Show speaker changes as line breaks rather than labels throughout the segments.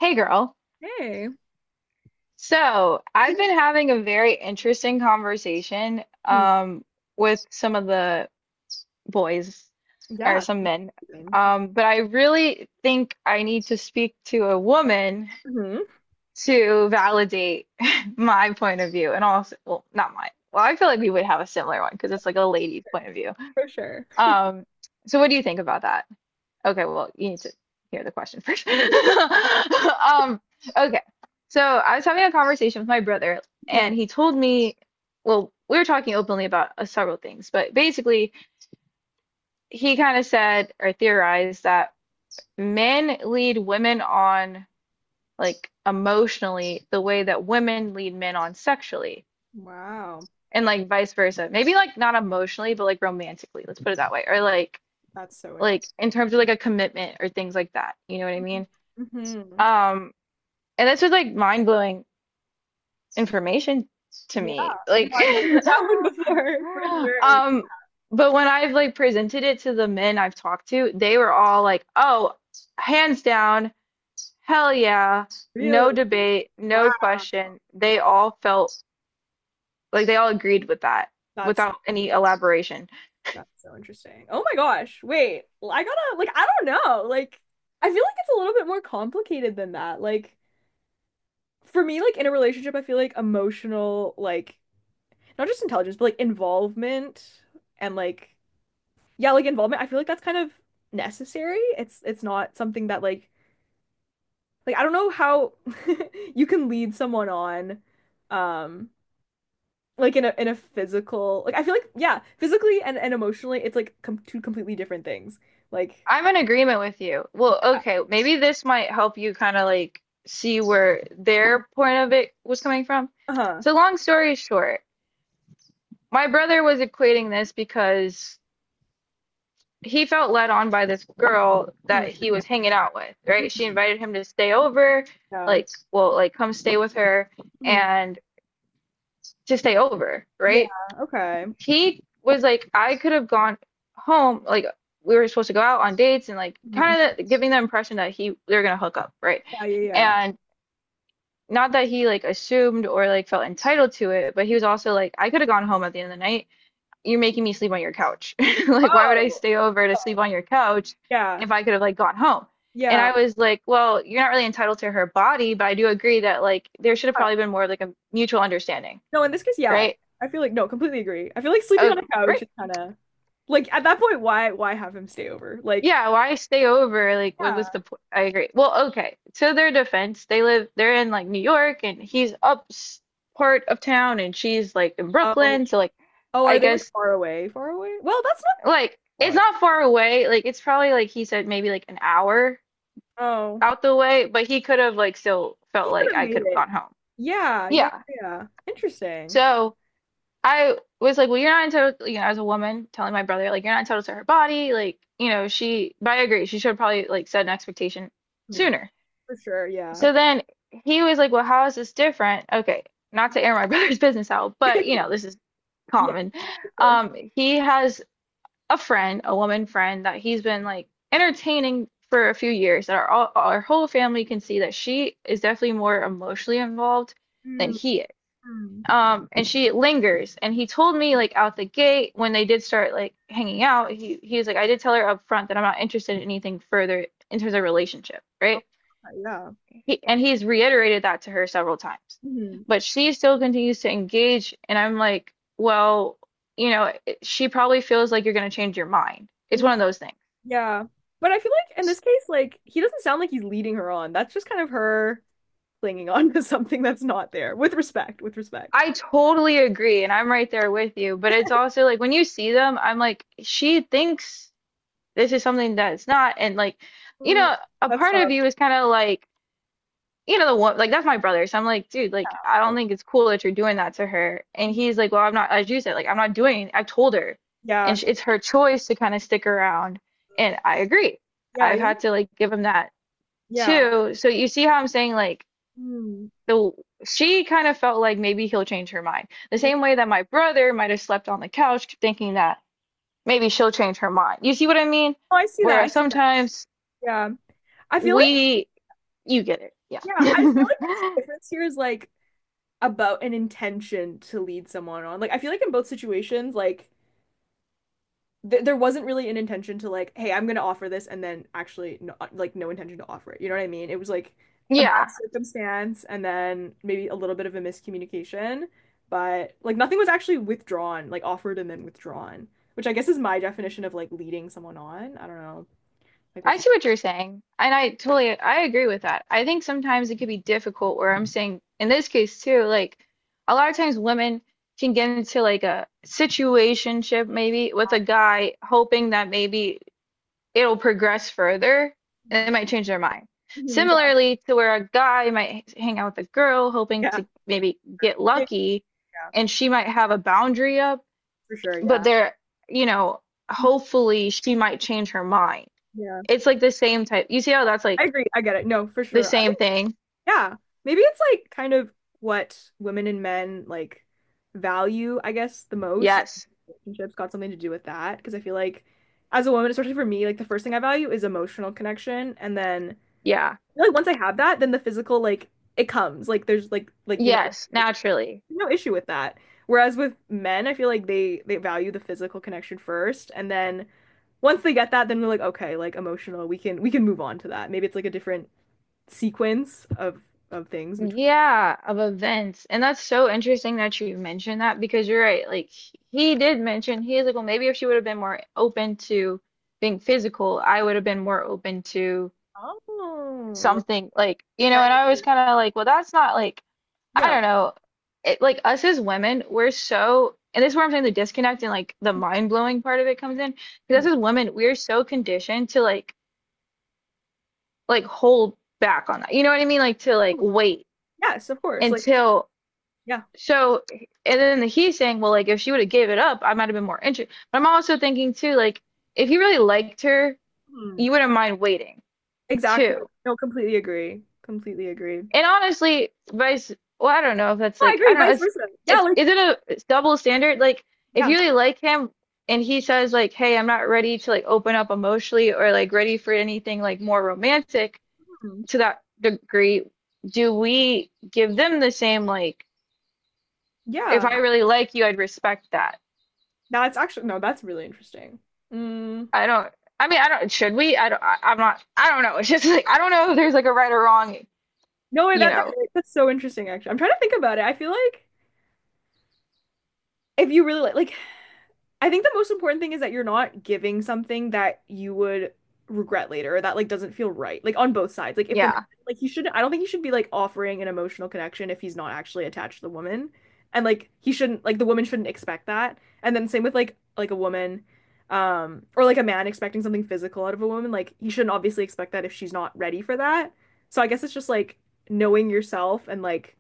Hey girl.
Hey.
So, I've been having a very interesting conversation
Mhm.
with some of the boys or
Yeah.
some men.
Same.
But I really think I need to speak to a woman
Hmm.
to validate my point of view and also, well, not mine. Well, I feel like we would have a similar one because it's like a lady's point of view.
For sure.
Um, so what do you think about that? Okay, well, you need to hear the question first. Um, okay. So I was having a conversation with my brother,
Hmm.
and he told me, well, we were talking openly about several things, but basically, he kind of said or theorized that men lead women on like emotionally the way that women lead men on sexually,
Wow.
and like vice versa. Maybe like not emotionally, but like romantically, let's put it that way, or like
That's so interesting.
in terms of like a commitment or things like that. You know what I mean?
Mm-hmm.
Um, And that's just like mind-blowing information to
Yeah.
me.
No,
Like,
I've never heard that one before. For sure.
um, but when I've like presented it to the men I've talked to, they were all like, "Oh, hands down, hell yeah,
Really?
no debate,
Wow.
no question." They
Wow.
all felt like they all agreed with that
That's
without any elaboration.
that's so interesting. Oh my gosh. Wait. I gotta, like, I don't know. Like, I feel like it's a little bit more complicated than that. Like, for me, like in a relationship, I feel like emotional, like not just intelligence, but like involvement and like, yeah, like involvement, I feel like that's kind of necessary. It's not something that like I don't know how you can lead someone on um like in a physical, like I feel like, yeah, physically and emotionally it's like com two completely different things. Like,
I'm in agreement with you. Well,
yeah,
okay, maybe this might help you kind of like see where their point of it was coming from.
uh-huh.
So long story short, my brother was equating this because he felt led on by this girl
Mm,
that he was hanging out with, right? She
mhm,
invited him to stay over,
yeah.
like, well, like come stay with her
Mhm.
and to stay over,
Yeah,
right?
okay.
He was like, I could have gone home, like we were supposed to go out on dates and like
Mhm.
kind of giving the impression that he they're gonna hook up, right?
Yeah, yeah, yeah.
And not that he like assumed or like felt entitled to it, but he was also like, I could have gone home at the end of the night you're making me sleep on your couch. Like, why would I
Oh,
stay over to sleep on your couch
yeah.
if I could have like gone home? And
Yeah.
I was like, well, you're not really entitled to her body, but I do agree that like there should have probably been more of like a mutual understanding,
No, in this case, yeah.
right?
I feel like no, completely agree. I feel like sleeping on
Okay,
a couch
right.
is kind of, like, at that point, why have him stay over? Like,
Yeah, why stay over? Like, what
yeah.
was the point? I agree. Well, okay. To their defense, they live, they're in like New York and he's up s- part of town and she's like in
Oh,
Brooklyn. So like,
oh,
I
are they, like,
guess
far away? Far away? Well, that's not
like it's
far.
not far away. Like, it's probably like he said maybe like an hour
Oh,
out the way, but he could have like still
he
felt
could
like
have
I
made
could have
it.
gone home.
Yeah, yeah,
Yeah.
yeah. Interesting.
So I was like, well, you're not entitled, you know, as a woman telling my brother, like, you're not entitled to her body. Like, you know, she, but I agree, she should have probably like set an expectation
Community.
sooner.
For sure. Yeah.
So then he was like, well, how is this different? Okay. Not to air my brother's business out, but you know, this is
Yeah.
common.
For sure.
He has a friend, a woman friend that he's been like entertaining for a few years that our whole family can see that she is definitely more emotionally involved than
Mm,
he is.
mm.
And she lingers. And he told me like out the gate when they did start like hanging out, he was like, I did tell her up front that I'm not interested in anything further in terms of relationship,
Oh,
right?
yeah.
And he's reiterated that to her several times.
Mhm.
But she still continues to engage, and I'm like, well, you know, she probably feels like you're going to change your mind. It's
Mm.
one of those things.
Yeah. But I feel like in this case, like he doesn't sound like he's leading her on. That's just kind of her clinging on to something that's not there, with respect, with respect.
I totally agree, and I'm right there with you. But it's also like when you see them, I'm like, she thinks this is something that it's not. And like, you
Mm,
know, a
that's
part of
tough.
you is kind of like, you know the one like that's my brother, so I'm like, dude, like I don't think it's cool that you're doing that to her. And he's like, well I'm not, as you said, like I'm not doing, I've told her, and
Yeah.
sh it's her choice to kind of stick around, and I agree.
Yeah.
I've had to like give him that
Yeah.
too. So you see how I'm saying like
Mm.
the she kind of felt like maybe he'll change her mind the same way that my brother might have slept on the couch thinking that maybe she'll change her mind. You see what I mean?
Oh, I see that. I
Whereas
see that.
sometimes
Yeah. I feel like,
we you get it, yeah.
yeah, I feel like the difference here is, like, about an intention to lead someone on. Like, I feel like in both situations, like th there wasn't really an intention to, like, hey, I'm gonna offer this, and then actually no, like no intention to offer it. You know what I mean? It was like a bad
Yeah,
circumstance, and then maybe a little bit of a miscommunication, but like nothing was actually withdrawn, like offered and then withdrawn, which I guess is my definition of like leading someone on. I don't know, like
I
what you.
see what you're saying, and I agree with that. I think sometimes it could be difficult where I'm saying in this case too, like a lot of times women can get into like a situationship maybe with a guy hoping that maybe it'll progress further and
Mhm.
it might change their mind.
Mhm. Yeah.
Similarly to where a guy might hang out with a girl hoping
Yeah.
to maybe get
Yeah.
lucky
Yeah,
and she might have a boundary up,
for sure.
but
Yeah.
they're, you know, hopefully she might change her mind.
Yeah.
It's like the same type. You see how that's
I
like
agree. I get it. No, for
the
sure.
same thing?
Yeah. Maybe it's, like, kind of what women and men, like, value, I guess, the most.
Yes.
Relationships got something to do with that. Because I feel like as a woman, especially for me, like the first thing I value is emotional connection. And then
Yeah.
I feel like once I have that, then the physical, like, it comes. Like there's like you know what
Yes.
I mean? Like,
Naturally.
no issue with that. Whereas with men, I feel like they value the physical connection first. And then once they get that, then we're like, okay, like emotional, we can move on to that. Maybe it's like a different sequence of things between.
Yeah. Of events. And that's so interesting that you mentioned that because you're right. Like he did mention, he is like, well, maybe if she would have been more open to being physical, I would have been more open to
Oh, yeah,
something like, you
yeah,
know, and I
yeah.
was kind of like, well, that's not like I
Yeah.
don't know. It, like us as women, we're so, and this is where I'm saying the disconnect and like the mind blowing part of it comes in. Because
Mm.
us as women, we're so conditioned to like hold back on that. You know what I mean? Like to like
Totally.
wait
Yes, of course. Like,
until
yeah.
so. And then the, he's saying, well, like if she would have gave it up, I might have been more interested. But I'm also thinking too, like if he really liked her,
Mm.
you wouldn't mind waiting
Exactly.
too.
No, completely agree. Completely agree. No,
And honestly, vice, well, I don't know if that's
I
like,
agree.
I don't know.
Vice versa. Yeah, like,
Is it a it's double standard? Like, if
yeah.
you really like him and he says, like, hey, I'm not ready to like open up emotionally or like ready for anything like more romantic
Mm.
to that degree, do we give them the same, like, if
Yeah.
I really like you, I'd respect that?
That's actually no, that's really interesting. Mm.
I don't, I mean, I don't, should we? I'm not, I don't know. It's just like, I don't know if there's like a right or wrong,
No way.
you
that's
know,
that's so interesting. Actually, I'm trying to think about it. I feel like if you really like, I think the most important thing is that you're not giving something that you would regret later or that, like, doesn't feel right. Like on both sides. Like if the
yeah.
like he should I don't think he should be like offering an emotional connection if he's not actually attached to the woman. And like the woman shouldn't expect that. And then same with like a woman or like a man expecting something physical out of a woman, like he shouldn't obviously expect that if she's not ready for that. So I guess it's just like knowing yourself and like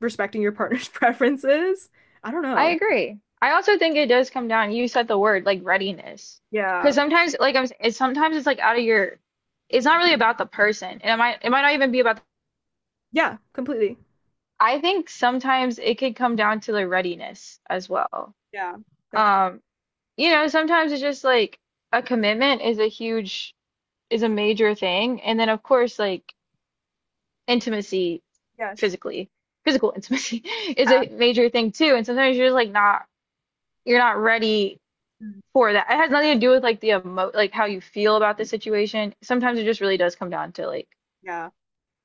respecting your partner's preferences. I don't
I
know.
agree. I also think it does come down. You said the word like readiness, because
Yeah.
sometimes, like it's sometimes it's like out of your. It's not really about the person, and it might not even be about. The,
Yeah, completely.
I think sometimes it could come down to the readiness as well.
Yeah, definitely.
Um, you know, sometimes it's just like a commitment is a huge is a major thing, and then of course like intimacy,
Yes.
physically, physical intimacy is
Yeah.
a major thing too. And sometimes you're just like not you're not ready
Mm.
for that. It has nothing to do with like the emo like how you feel about the situation. Sometimes it just really does come down to like,
Yeah.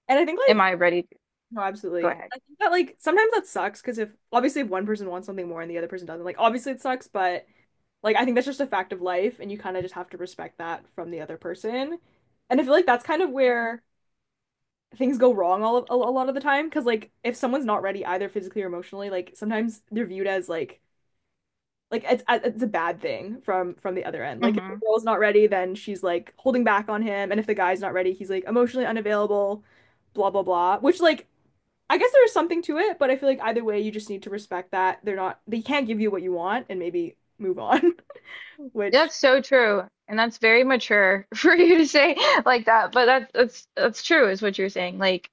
And I think,
am
like,
I ready to
no,
go
absolutely.
ahead?
I think that like sometimes that sucks because if obviously if one person wants something more and the other person doesn't, like obviously it sucks, but like I think that's just a fact of life and you kind of just have to respect that from the other person. And I feel like that's kind of where things go wrong a lot of the time because like if someone's not ready either physically or emotionally, like sometimes they're viewed as like it's a bad thing from the other end. Like if the
Hmm
girl's not ready, then she's like holding back on him, and if the guy's not ready, he's like emotionally unavailable, blah blah blah. Which like I guess there is something to it, but I feel like either way, you just need to respect that they can't give you what you want, and maybe move on. Which
That's so true. And that's very mature for you to say like that. But that's true is what you're saying. Like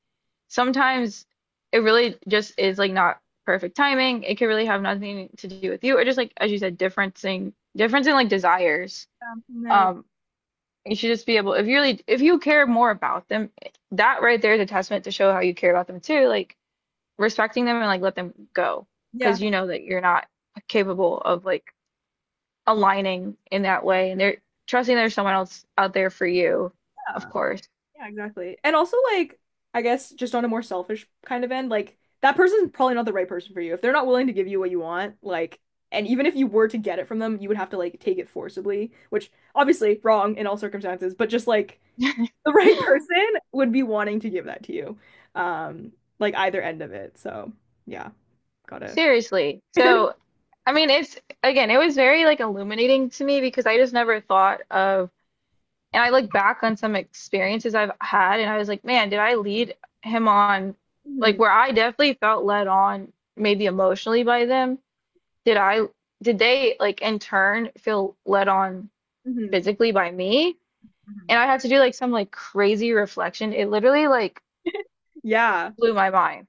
sometimes it really just is like not perfect timing. It could really have nothing to do with you or just like as you said, differencing difference in like desires.
no,
Um You should just be able, if you really, if you care more about them, that right there is a testament to show how you care about them too. Like respecting them and like let them go,
yeah.
because you know that you're not capable of like aligning in that way, and they're trusting there's someone else out there for you, of
Yeah.
course.
Yeah, exactly. And also, like, I guess just on a more selfish kind of end, like, that person's probably not the right person for you. If they're not willing to give you what you want, like, and even if you were to get it from them, you would have to, like, take it forcibly, which obviously wrong in all circumstances, but just like the right person would be wanting to give that to you. Um, like, either end of it. So, yeah, gotta.
Seriously. So, I mean, it's again, it was very like illuminating to me because I just never thought of. And I look back on some experiences I've had, and I was like, man, did I lead him on,
Hmm.
like, where I definitely felt led on, maybe emotionally by them? Did I, did they, like, in turn feel led on
Hmm.
physically by me? And I had to do like some like crazy reflection. It literally like
Yeah.
blew my mind.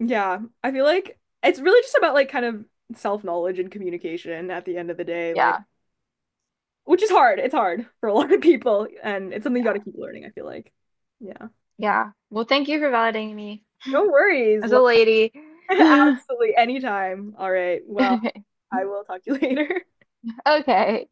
Yeah. I feel like it's really just about, like, kind of self-knowledge and communication at the end of the day. Like,
Yeah.
which is hard. It's hard for a lot of people, and it's something you got to keep learning, I feel like. Yeah.
Yeah. Well, thank you for validating me
No worries.
as a lady.
Absolutely. Anytime. All right. Well,
Okay.
I will talk to you later.
Okay.